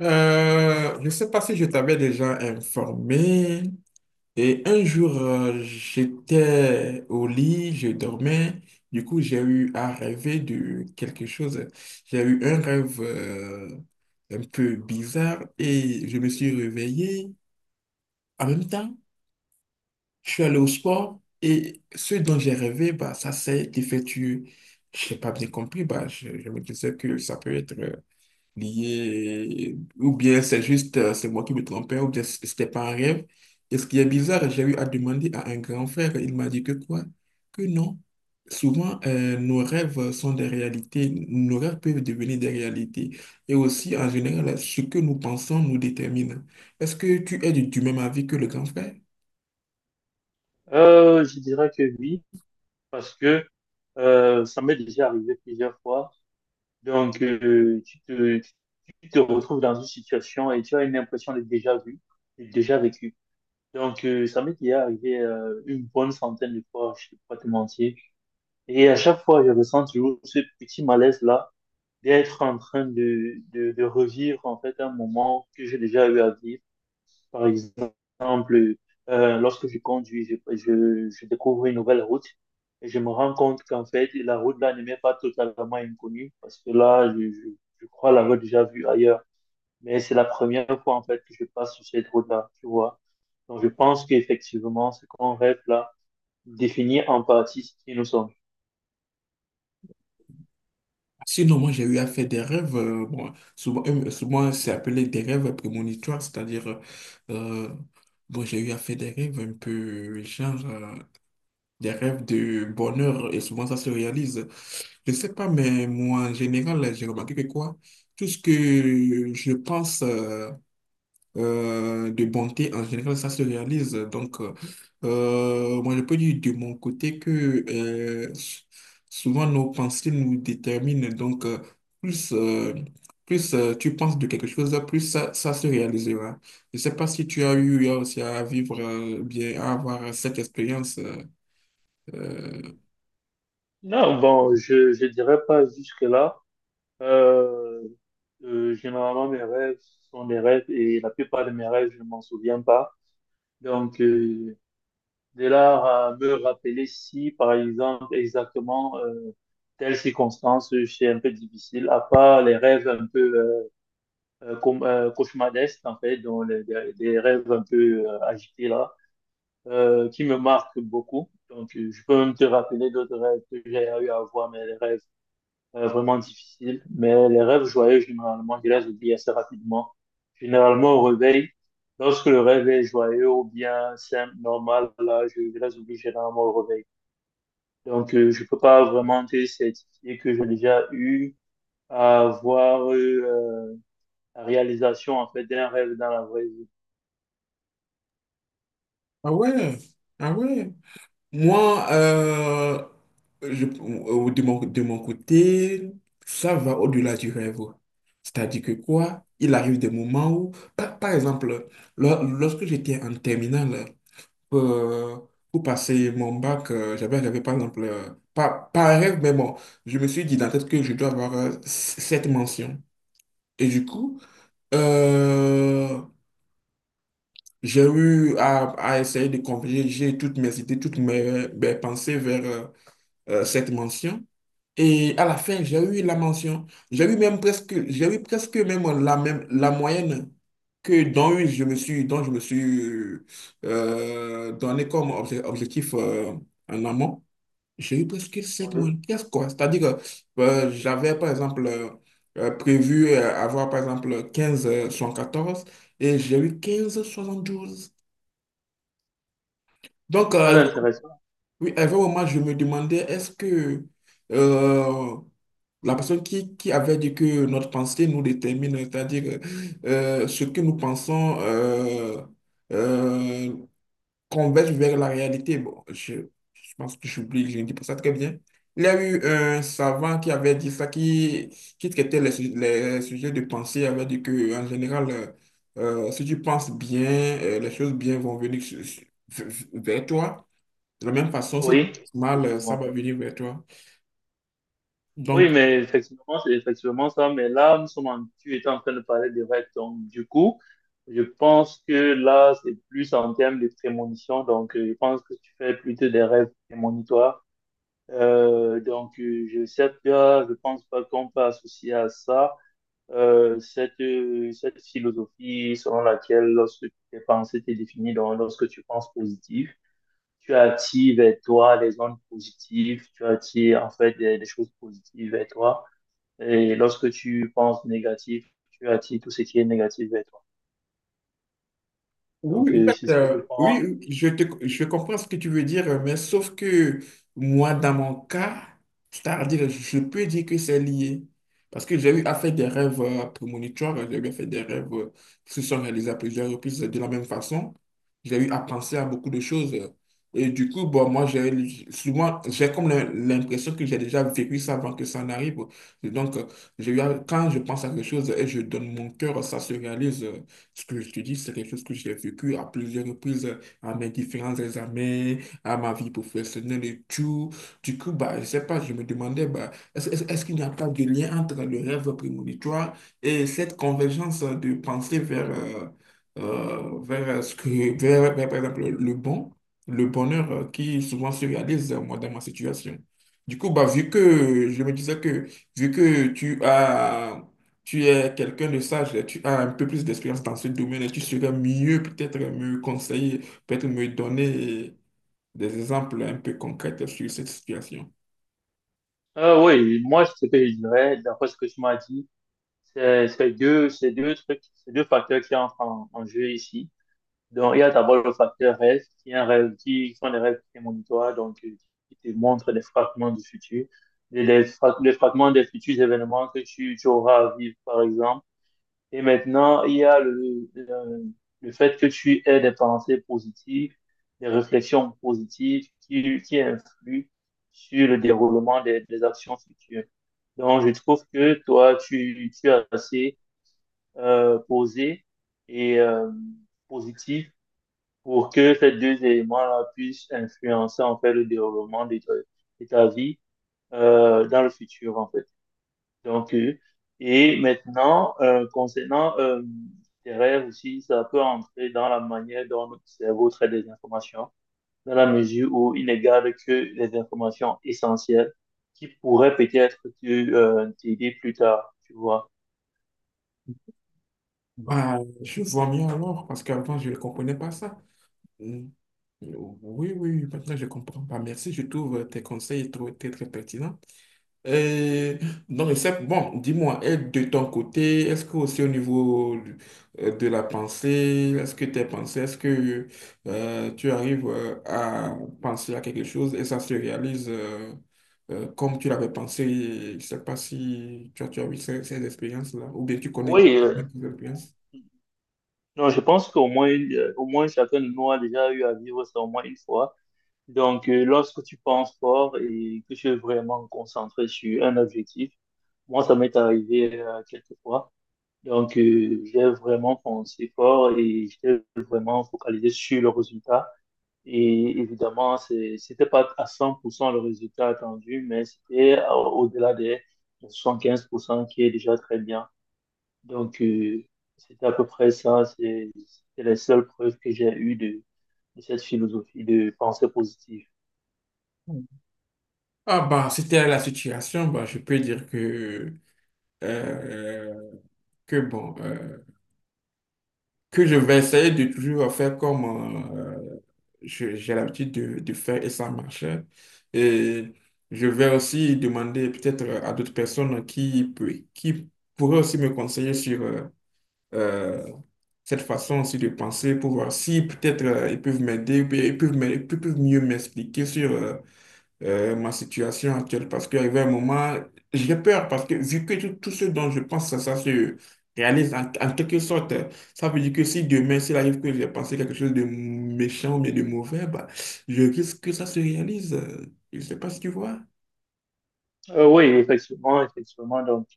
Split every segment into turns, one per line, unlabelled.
Je ne sais pas si je t'avais déjà informé. Et un jour, j'étais au lit, je dormais. Du coup, j'ai eu à rêver de quelque chose. J'ai eu un rêve un peu bizarre et je me suis réveillé. En même temps, je suis allé au sport et ce dont j'ai rêvé, bah, ça s'est effectué. Je n'ai pas bien compris. Bah, je me disais que ça peut être lié, ou bien c'est juste, c'est moi qui me trompais, ou bien c'était pas un rêve. Et ce qui est bizarre, j'ai eu à demander à un grand frère, il m'a dit que quoi? Que non. Souvent, nos rêves sont des réalités, nos rêves peuvent devenir des réalités. Et aussi, en général, ce que nous pensons nous détermine. Est-ce que tu es du même avis que le grand frère?
Je dirais que oui, parce que ça m'est déjà arrivé plusieurs fois. Donc, tu te retrouves dans une situation et tu as une impression d'être déjà vu, d'être déjà vécu. Donc, ça m'est déjà arrivé une bonne centaine de fois, je ne vais pas te mentir. Et à chaque fois, je ressens toujours ce petit malaise-là d'être en train de revivre en fait un moment que j'ai déjà eu à vivre, par exemple, lorsque je conduis, je découvre une nouvelle route et je me rends compte qu'en fait, la route là ne m'est pas totalement inconnue parce que là, je crois l'avoir déjà vue ailleurs. Mais c'est la première fois en fait que je passe sur cette route-là, tu vois. Donc je pense qu'effectivement, ce qu'on rêve là définit en partie ce qui nous sommes.
Sinon, moi, j'ai eu à faire des rêves, bon, souvent c'est appelé des rêves prémonitoires, c'est-à-dire, euh, bon, j'ai eu à faire des rêves un peu, genre, des rêves de bonheur, et souvent ça se réalise. Je sais pas, mais moi, en général, j'ai remarqué que quoi, tout ce que je pense, de bonté, en général, ça se réalise. Donc, moi, je peux dire de mon côté que euh, s- souvent nos pensées nous déterminent. Donc, plus, euh, plus tu penses de quelque chose, plus ça se réalisera. Je ne sais pas si tu as eu aussi à vivre, bien, à avoir cette expérience. Euh.
Non, bon, je dirais pas jusque-là. Euh, Généralement, mes rêves sont des rêves et la plupart de mes rêves, je ne m'en souviens pas. Donc, de là à me rappeler si, par exemple, exactement telle circonstance, c'est un peu difficile, à part les rêves un peu cauchemardesques, en fait, dont les rêves un peu agités là, qui me marquent beaucoup. Donc, je peux même te rappeler d'autres rêves que j'ai eu à voir, mais les rêves vraiment difficile. Mais les rêves joyeux, généralement, je les oublie assez rapidement. Généralement, au réveil, lorsque le rêve est joyeux ou bien simple, normal, là, je les oublie généralement au réveil. Donc, je peux pas vraiment te certifier que j'ai déjà eu à avoir eu la réalisation, en fait, d'un rêve dans la vraie vie.
Ah ouais, ah ouais. Moi, de mon côté, ça va au-delà du rêve. C'est-à-dire que quoi, il arrive des moments où, par exemple, lorsque j'étais en terminale, euh, pour passer mon bac, j'avais rêvé, par exemple, pas un rêve, mais bon, je me suis dit dans la tête que je dois avoir cette mention. Et du coup, euh, j'ai eu à essayer de converger toutes mes idées, toutes mes pensées vers... cette mention. Et à la fin, j'ai eu la mention. J'ai eu même presque, j'ai eu presque même, la moyenne que dont je me suis, dont je me suis donné comme objectif en amont. J'ai eu presque cette
Oui.
moyenne, presque quoi. C'est-à-dire que j'avais, par exemple, prévu avoir, par exemple, 15 14 et j'ai eu 15,72. Donc,
Très intéressant.
oui, à un moment, je me demandais, est-ce que euh, La personne qui avait dit que notre pensée nous détermine, c'est-à-dire ce que nous pensons euh, converge vers la réalité. Bon, je pense que j'oublie, je ne dis pas ça très bien. Il y a eu un savant qui avait dit ça, qui traitait les sujets de pensée, avait dit que en général, si tu penses bien, les choses bien vont venir vers toi. De la même façon, si tu
Oui,
penses mal, ça
effectivement.
va venir vers toi.
Oui,
Donc,
mais effectivement, c'est effectivement ça. Mais là, tu étais en train de parler des règles. Donc, du coup, je pense que là, c'est plus en termes de prémonition. Donc, je pense que tu fais plutôt des rêves prémonitoires. Donc, je sais pas, je pense pas qu'on peut associer à ça cette, cette philosophie selon laquelle lorsque tes pensées t'es définies, donc lorsque tu penses positif, tu attires vers toi les ondes positives, tu attires en fait des choses positives vers toi. Et lorsque tu penses négatif, tu attires tout ce qui est négatif vers toi.
oui,
Donc,
en
c'est
fait,
ce que je pense.
oui, je comprends ce que tu veux dire, mais sauf que moi, dans mon cas, c'est-à-dire, je peux dire que c'est lié. Parce que j'ai eu à faire des rêves prémonitoires, j'ai eu à faire des rêves qui se sont réalisés à plusieurs reprises de la même façon. J'ai eu à penser à beaucoup de choses. Et du coup, bon, moi, j'ai souvent, j'ai comme l'impression que j'ai déjà vécu ça avant que ça n'arrive. Et donc, j'ai quand je pense à quelque chose et je donne mon cœur, ça se réalise. Ce que je te dis, c'est quelque chose que j'ai vécu à plusieurs reprises à mes différents examens, à ma vie professionnelle et tout. Du coup, bah, je sais pas, je me demandais, bah, est-ce qu'il n'y a pas de lien entre le rêve prémonitoire et cette convergence de pensée vers, vers ce que, vers, vers, par exemple, le bonheur qui souvent se réalise, moi, dans ma situation. Du coup, bah, vu que je me disais que vu que tu es quelqu'un de sage, et tu as un peu plus d'expérience dans ce domaine et tu serais mieux peut-être me conseiller, peut-être me donner des exemples un peu concrets sur cette situation.
Ah oui, moi, ce que je dirais, d'après ce que tu m'as dit, c'est c'est deux trucs, c'est deux facteurs qui entrent en jeu ici. Donc, il y a d'abord le facteur rêve, qui est un rêve, qui sont des rêves prémonitoires, donc, qui te montrent des fragments du futur, les fragments des futurs événements que tu auras à vivre, par exemple. Et maintenant, il y a le fait que tu aies des pensées positives, des réflexions positives qui influent sur le déroulement des actions futures. Donc, je trouve que toi, tu es assez posé et positif pour que ces deux éléments-là puissent influencer en fait le déroulement de ta vie dans le futur en fait. Donc, euh, et maintenant, concernant tes rêves aussi, ça peut entrer dans la manière dont notre cerveau traite des informations, dans la mesure où il ne garde que les informations essentielles qui pourraient peut-être te, t'aider plus tard, tu vois.
Bah, je vois mieux alors, parce qu'avant, je ne comprenais pas ça. Mm. Oui, oui, maintenant, je comprends pas. Merci, je trouve tes conseils très, très pertinents. Et donc, c'est bon, dis-moi, et de ton côté, est-ce que aussi au niveau de la pensée, est-ce que tu arrives à penser à quelque chose et ça se réalise comme tu l'avais pensé? Je ne sais pas si tu as eu ces expériences-là ou bien tu connais
Oui,
des
euh,
expériences.
non, je pense qu'au moins, au moins chacun de nous a déjà eu à vivre ça au moins une fois. Donc, lorsque tu penses fort et que tu es vraiment concentré sur un objectif, moi, ça m'est arrivé quelques fois. Donc, j'ai vraiment pensé fort et j'étais vraiment focalisé sur le résultat. Et évidemment, c'était pas à 100% le résultat attendu, mais c'était à- au-delà des 75% qui est déjà très bien. Donc, c'était à peu près ça. C'est la seule preuve que j'ai eue de cette philosophie de pensée positive.
Mm. Ah bah, c'était la situation, bah, je peux dire euh, que bon, que je vais essayer de toujours faire comme euh, j'ai l'habitude de faire et ça marche. Et je vais aussi demander peut-être à d'autres personnes qui pourraient aussi me conseiller sur euh, cette façon aussi de penser pour voir si peut-être ils peuvent m'aider, ou bien ils peuvent mieux m'expliquer sur ma situation actuelle parce qu'il y avait un moment, j'ai peur parce que vu que tout ce dont je pense, ça se réalise en quelque sorte, ça veut dire que si demain, s'il arrive que j'ai pensé quelque chose de méchant ou bien de mauvais, bah, je risque que ça se réalise. Je ne sais pas si tu vois.
Oui, effectivement, effectivement. donc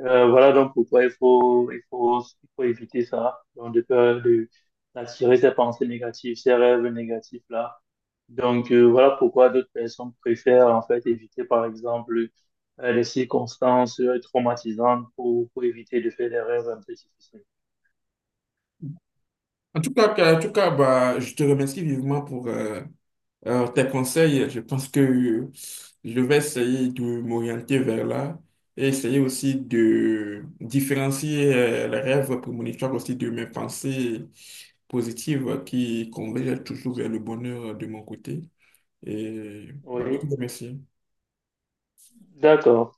Euh, Voilà donc pourquoi il faut éviter ça. Donc, d'attirer ces pensées négatives, ces rêves négatifs là. Donc, voilà pourquoi d'autres personnes préfèrent en fait éviter par exemple les circonstances traumatisantes pour éviter de faire des rêves un peu difficiles.
En tout cas, en tout cas bah, je te remercie vivement pour. Alors, tes conseils, je pense que je vais essayer de m'orienter vers là et essayer aussi de différencier les rêves prémonitoires aussi de mes pensées positives qui convergent toujours vers le bonheur de mon côté. Et bah, je
Oui,
te remercie.
d'accord.